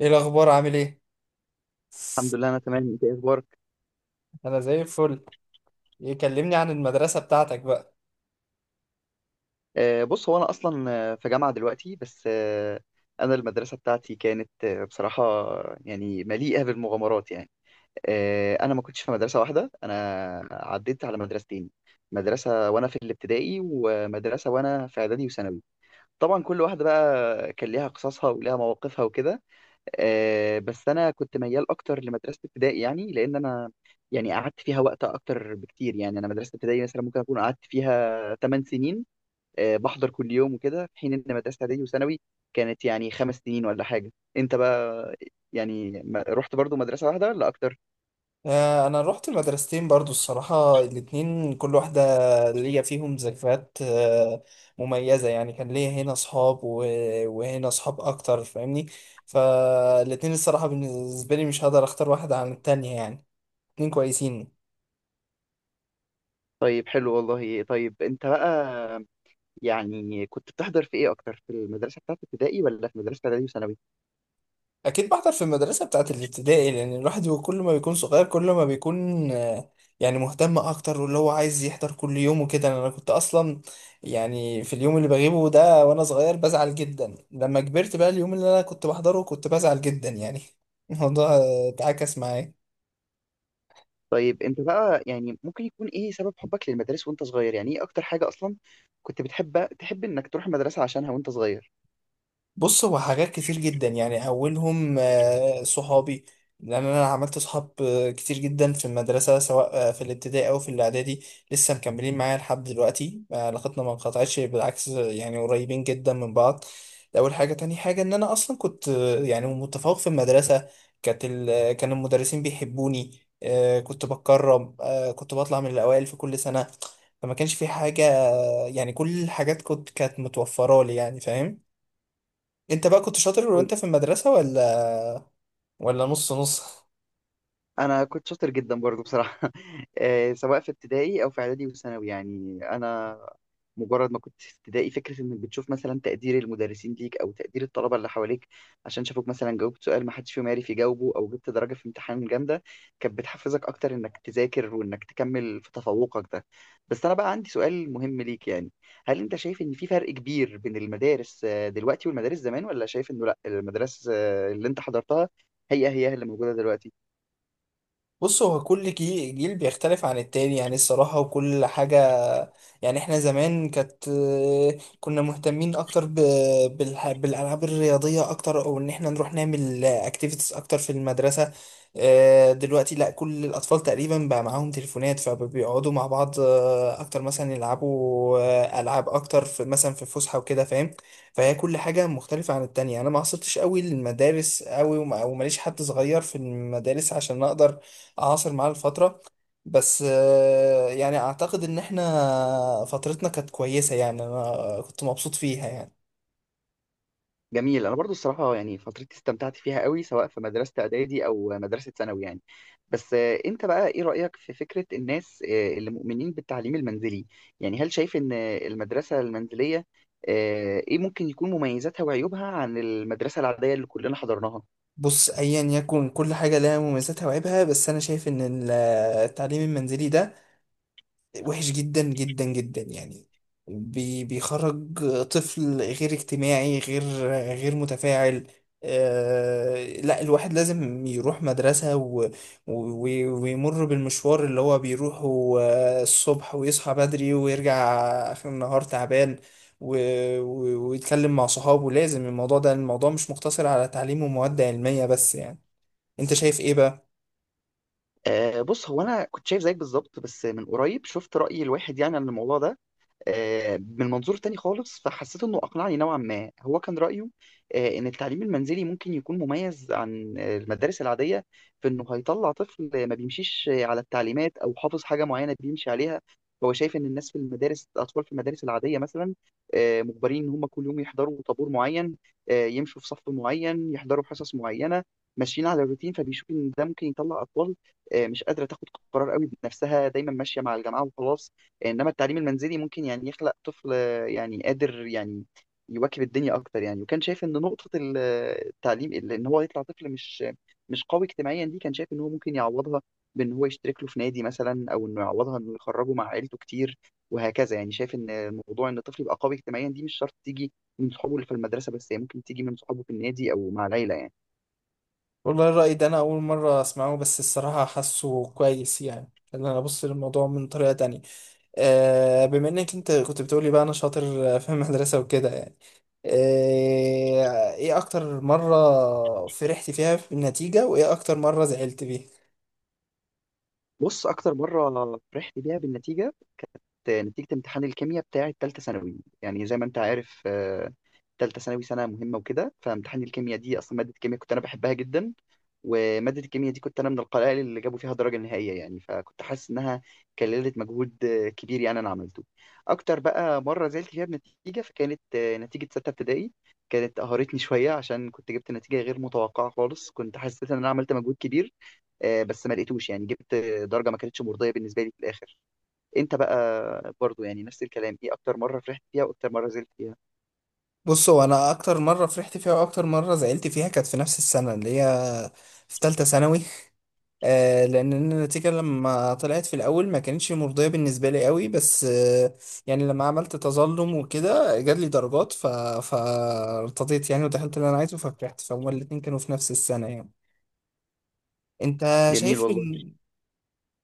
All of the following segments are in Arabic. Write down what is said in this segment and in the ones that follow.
ايه الاخبار عامل ايه؟ الحمد لله، انا تمام. انت إيه اخبارك؟ انا زي الفل. يكلمني عن المدرسه بتاعتك بقى. بص، هو انا اصلا في جامعه دلوقتي، بس انا المدرسه بتاعتي كانت بصراحه يعني مليئه بالمغامرات يعني. انا ما كنتش في مدرسه واحده، انا عديت على مدرستين: مدرسه وانا في الابتدائي، ومدرسه وانا في اعدادي وثانوي. طبعا كل واحده بقى كان ليها قصصها وليها مواقفها وكده. بس انا كنت ميال اكتر لمدرسه ابتدائي يعني، لان انا يعني قعدت فيها وقت اكتر بكتير. يعني انا مدرسه ابتدائي مثلا ممكن اكون قعدت فيها 8 سنين، بحضر كل يوم وكده، في حين ان مدرسه اعدادي وثانوي كانت يعني 5 سنين ولا حاجه. انت بقى يعني رحت برضو مدرسه واحده ولا اكتر؟ انا رحت مدرستين برضو الصراحه، الاتنين كل واحده ليا فيهم ذكريات مميزه يعني، كان ليا هنا اصحاب وهنا اصحاب اكتر فاهمني. فالاتنين الصراحه بالنسبه لي مش هقدر اختار واحده عن التانية يعني، اتنين كويسين. طيب حلو والله. طيب انت بقى يعني كنت بتحضر في ايه اكتر، في المدرسه بتاعت ابتدائي ولا في مدرسه اعدادي وثانوي؟ اكيد بحضر في المدرسه بتاعه الابتدائي، لان الواحد هو كل ما بيكون صغير كل ما بيكون يعني مهتم اكتر، واللي هو عايز يحضر كل يوم وكده. انا كنت اصلا يعني في اليوم اللي بغيبه ده وانا صغير بزعل جدا، لما كبرت بقى اليوم اللي انا كنت بحضره كنت بزعل جدا يعني. الموضوع اتعكس معايا. طيب انت بقى يعني ممكن يكون ايه سبب حبك للمدارس وانت صغير؟ يعني ايه اكتر حاجه اصلا كنت بتحب انك تروح المدرسه عشانها وانت صغير؟ بص، هو حاجات كتير جدا يعني، اولهم صحابي، لان انا عملت صحاب كتير جدا في المدرسه سواء في الابتدائي او في الاعدادي. لسه مكملين معايا لحد دلوقتي، علاقتنا ما انقطعتش، بالعكس يعني قريبين جدا من بعض. ده اول حاجه. تاني حاجه، ان انا اصلا كنت يعني متفوق في المدرسه. كان المدرسين بيحبوني، كنت بتكرم، كنت بطلع من الاوائل في كل سنه. فما كانش في حاجه، يعني كل الحاجات كنت كانت متوفره لي يعني، فاهم؟ انت بقى كنت شاطر وانت في المدرسة، ولا نص نص؟ انا كنت شاطر جدا برضو بصراحه. سواء في ابتدائي او في اعدادي وثانوي يعني. انا مجرد ما كنت في ابتدائي، فكره انك بتشوف مثلا تقدير المدرسين ليك او تقدير الطلبه اللي حواليك عشان شافوك مثلا جاوبت سؤال ما حدش فيهم عارف يجاوبه او جبت درجه في امتحان جامده، كانت بتحفزك اكتر انك تذاكر وانك تكمل في تفوقك ده. بس انا بقى عندي سؤال مهم ليك يعني، هل انت شايف ان في فرق كبير بين المدارس دلوقتي والمدارس زمان، ولا شايف انه لا، المدارس اللي انت حضرتها هي هي اللي موجوده دلوقتي؟ بص هو كل جيل بيختلف عن التاني يعني، الصراحة، وكل حاجة. يعني احنا زمان كنا مهتمين اكتر بالالعاب الرياضيه اكتر، او ان احنا نروح نعمل اكتيفيتيز اكتر في المدرسه. دلوقتي لا، كل الاطفال تقريبا بقى معاهم تليفونات فبيقعدوا مع بعض اكتر، مثلا يلعبوا العاب اكتر في مثلا في فسحه وكده فاهم؟ فهي كل حاجه مختلفه عن التانية. انا ما عصرتش قوي للمدارس قوي، وماليش حد صغير في المدارس عشان اقدر اعاصر معاه الفتره. بس يعني اعتقد ان احنا فترتنا كانت كويسة يعني، انا كنت مبسوط فيها يعني. جميل. انا برضو الصراحه، يعني فترتي استمتعت فيها قوي، سواء في مدرسه اعدادي او مدرسه ثانوي يعني. بس انت بقى ايه رايك في فكره الناس اللي مؤمنين بالتعليم المنزلي؟ يعني هل شايف ان المدرسه المنزليه ايه ممكن يكون مميزاتها وعيوبها عن المدرسه العاديه اللي كلنا حضرناها؟ بص، ايا يكن كل حاجة لها مميزاتها وعيبها، بس انا شايف ان التعليم المنزلي ده وحش جدا جدا جدا يعني. بيخرج طفل غير اجتماعي، غير متفاعل. آه لا، الواحد لازم يروح مدرسة، و و ويمر بالمشوار اللي هو بيروحه الصبح، ويصحى بدري، ويرجع آخر النهار تعبان، و و ويتكلم مع صحابه. لازم الموضوع ده الموضوع مش مقتصر على تعليم ومواد علمية بس يعني. انت شايف ايه بقى؟ بص، هو انا كنت شايف زيك بالظبط، بس من قريب شفت راي الواحد يعني عن الموضوع ده من منظور تاني خالص، فحسيت انه اقنعني نوعا ما. هو كان رايه ان التعليم المنزلي ممكن يكون مميز عن المدارس العاديه، في انه هيطلع طفل ما بيمشيش على التعليمات او حافظ حاجه معينه بيمشي عليها. هو شايف ان الناس في المدارس، الاطفال في المدارس العاديه مثلا مجبرين ان هم كل يوم يحضروا طابور معين، يمشوا في صف معين، يحضروا حصص معينه، ماشيين على الروتين. فبيشوف ان ده ممكن يطلع اطفال مش قادره تاخد قرار قوي بنفسها، دايما ماشيه مع الجماعه وخلاص. انما التعليم المنزلي ممكن يعني يخلق طفل يعني قادر يعني يواكب الدنيا اكتر يعني. وكان شايف ان نقطة التعليم ان هو يطلع طفل مش قوي اجتماعيا دي، كان شايف ان هو ممكن يعوضها بان هو يشترك له في نادي مثلا، او انه يعوضها انه يخرجه مع عيلته كتير وهكذا. يعني شايف ان موضوع ان الطفل يبقى قوي اجتماعيا دي مش شرط تيجي من صحابه اللي في المدرسة بس، هي ممكن تيجي من صحابه في النادي او مع العيلة يعني. والله الرأي ده أنا أول مرة أسمعه، بس الصراحة حاسه كويس يعني. خلينا أنا أبص للموضوع من طريقة تانية. بما إنك أنت كنت بتقولي بقى أنا شاطر في المدرسة وكده يعني، إيه أكتر مرة فرحت فيها في النتيجة؟ وإيه أكتر مرة زعلت فيها؟ بص، اكتر مرة فرحت بيها بالنتيجة، نتيجة امتحان الكيمياء بتاعي تالتة ثانوي. يعني زي ما انت عارف، تالتة ثانوي سنة مهمة وكده. فامتحان الكيمياء دي، أصلا مادة الكيمياء كنت أنا بحبها جدا، ومادة الكيمياء دي كنت أنا من القلائل اللي جابوا فيها درجة نهائية. يعني فكنت حاسس إنها كللت مجهود كبير يعني أنا عملته. أكتر بقى مرة زعلت فيها بنتيجة فكانت نتيجة ستة ابتدائي. كانت قهرتني شوية، عشان كنت جبت نتيجة غير متوقعة خالص. كنت حسيت إن أنا عملت مجهود كبير بس ما لقيتوش. يعني جبت درجة ما كانتش مرضية بالنسبة لي في الآخر. انت بقى برضو يعني نفس الكلام، ايه اكتر مره فرحت فيها واكتر مره زعلت فيها؟ بص هو أنا أكتر مرة فرحت فيها وأكتر مرة زعلت فيها كانت في نفس السنة، اللي هي في تالتة ثانوي. لان النتيجه لما طلعت في الاول ما كانتش مرضيه بالنسبه لي قوي، بس يعني لما عملت تظلم وكده جات لي درجات، فارتضيت يعني، ودخلت اللي انا عايزه ففرحت. فهما الاتنين كانوا في نفس السنه يعني. انت جميل شايف والله. إن-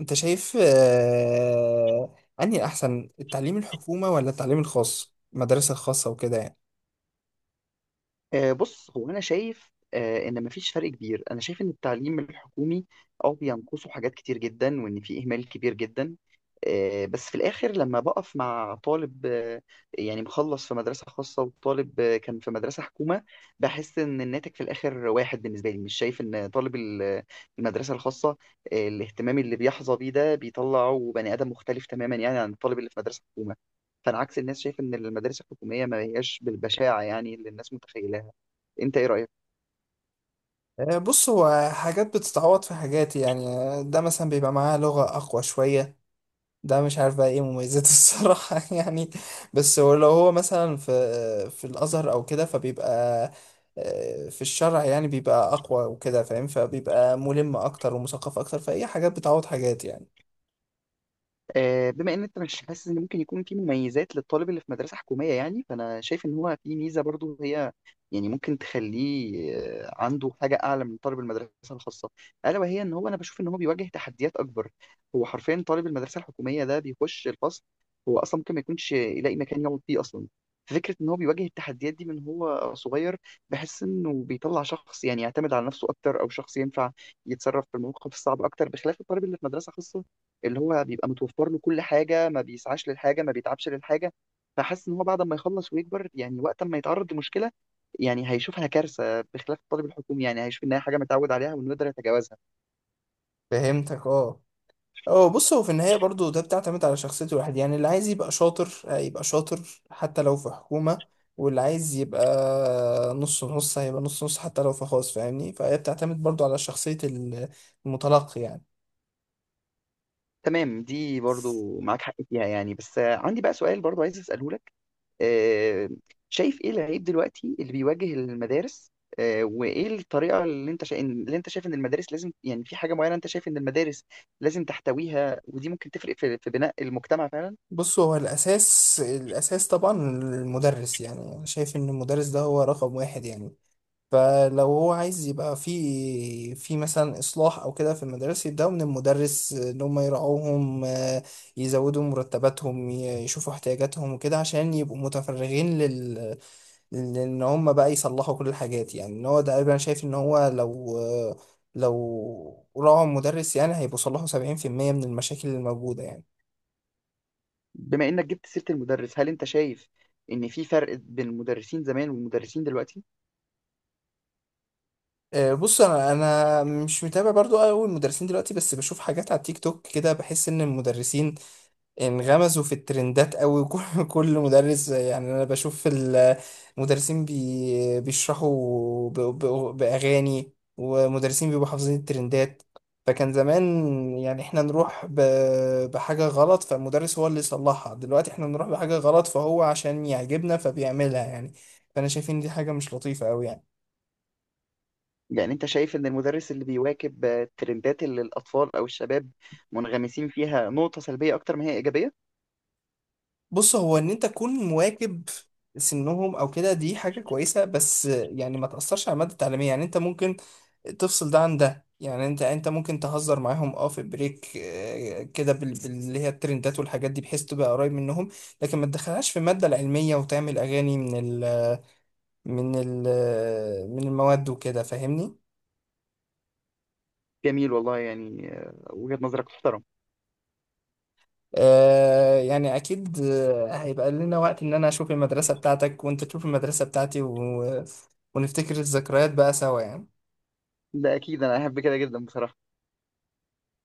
شايف انهي احسن، التعليم الحكومه ولا التعليم الخاص المدارس الخاصه وكده يعني؟ بص، هو انا شايف ان مفيش فرق كبير. انا شايف ان التعليم الحكومي اه بينقصه حاجات كتير جدا، وان في اهمال كبير جدا، بس في الاخر لما بقف مع طالب يعني مخلص في مدرسة خاصة وطالب كان في مدرسة حكومة، بحس ان الناتج في الاخر واحد. بالنسبة لي مش شايف ان طالب المدرسة الخاصة الاهتمام اللي بيحظى بيه ده بيطلعه بني ادم مختلف تماما يعني عن الطالب اللي في مدرسة حكومة. فانا عكس الناس، شايف ان المدارس الحكومية ما هياش بالبشاعة يعني اللي الناس متخيلة. انت ايه رايك؟ بص هو حاجات بتتعوض في حاجات يعني. ده مثلا بيبقى معاه لغه اقوى شويه، ده مش عارف بقى ايه مميزاته الصراحة يعني. بس هو لو هو مثلا في الأزهر أو كده، فبيبقى في الشرع يعني بيبقى أقوى وكده فاهم؟ فبيبقى ملم أكتر ومثقف أكتر، فأي حاجات بتعوض حاجات يعني. بما ان انت مش حاسس ان ممكن يكون في مميزات للطالب اللي في مدرسه حكوميه، يعني فانا شايف ان هو في ميزه برضو. هي يعني ممكن تخليه عنده حاجه اعلى من طالب المدرسه الخاصه، الا وهي ان هو، انا بشوف ان هو بيواجه تحديات اكبر. هو حرفيا طالب المدرسه الحكوميه ده بيخش الفصل، هو اصلا ممكن ما يكونش يلاقي مكان يقعد فيه اصلا. فكره ان هو بيواجه التحديات دي من هو صغير، بحس انه بيطلع شخص يعني يعتمد على نفسه اكتر، او شخص ينفع يتصرف في المواقف الصعبه اكتر، بخلاف الطالب اللي في مدرسه خاصه اللي هو بيبقى متوفر له كل حاجة، ما بيسعاش للحاجة، ما بيتعبش للحاجة. فحاسس إن هو بعد ما يخلص ويكبر، يعني وقت ما يتعرض لمشكلة، يعني هيشوفها كارثة، بخلاف الطالب الحكومي يعني هيشوف إنها حاجة متعود عليها وإنه يقدر يتجاوزها. فهمتك اه. اه، بص هو في النهاية برضو ده بتعتمد على شخصية الواحد يعني. اللي عايز يبقى شاطر هيبقى شاطر حتى لو في حكومة، واللي عايز يبقى نص نص هيبقى نص نص حتى لو في خاص، فاهمني؟ فهي بتعتمد برضو على شخصية المتلقي يعني. تمام، دي برضو معاك حق فيها يعني. بس عندي بقى سؤال برضو عايز أسأله لك. آه، شايف إيه العيب دلوقتي اللي بيواجه المدارس، وإيه الطريقة اللي اللي أنت شايف إن المدارس لازم، يعني في حاجة معينة أنت شايف إن المدارس لازم تحتويها، ودي ممكن تفرق في بناء المجتمع فعلا؟ بص هو الأساس، الأساس طبعا المدرس، يعني أنا شايف إن المدرس ده هو رقم واحد يعني. فلو هو عايز يبقى في مثلا إصلاح أو كده في المدارس، يبدأوا من المدرس، إن هم يراعوهم، يزودوا مرتباتهم، يشوفوا احتياجاتهم وكده، عشان يبقوا متفرغين لإن هم بقى يصلحوا كل الحاجات يعني. إن هو ده أنا شايف إن هو، لو راعوا المدرس يعني، هيبقوا صلحوا 70% من المشاكل الموجودة يعني. بما انك جبت سيرة المدرس، هل انت شايف ان في فرق بين المدرسين زمان والمدرسين دلوقتي؟ بص انا مش متابع برضو قوي المدرسين دلوقتي، بس بشوف حاجات على التيك توك كده بحس ان المدرسين انغمزوا في الترندات قوي. كل مدرس يعني. انا بشوف المدرسين بيشرحوا باغاني، ومدرسين بيبقوا حافظين الترندات. فكان زمان يعني احنا نروح بحاجة غلط فالمدرس هو اللي يصلحها، دلوقتي احنا نروح بحاجة غلط فهو عشان يعجبنا فبيعملها يعني. فانا شايف ان دي حاجة مش لطيفة قوي يعني. يعني انت شايف ان المدرس اللي بيواكب الترندات اللي الاطفال او الشباب منغمسين فيها نقطة سلبية اكتر ما هي ايجابية؟ بص هو ان انت تكون مواكب سنهم او كده دي حاجة كويسة، بس يعني ما تأثرش على المادة التعليمية يعني. انت ممكن تفصل ده عن ده يعني. انت ممكن تهزر معاهم اه في بريك، كده اللي هي الترندات والحاجات دي، بحيث تبقى قريب منهم. لكن ما تدخلهاش في المادة العلمية وتعمل اغاني ال من ال من المواد وكده فاهمني؟ جميل والله يعني. وجهة نظرك تحترم. يعني اكيد، هيبقى لنا وقت ان انا اشوف المدرسة بتاعتك وانت تشوف المدرسة بتاعتي، ونفتكر الذكريات بقى سوا يعني. ده اكيد. انا احب كده جدا بصراحة.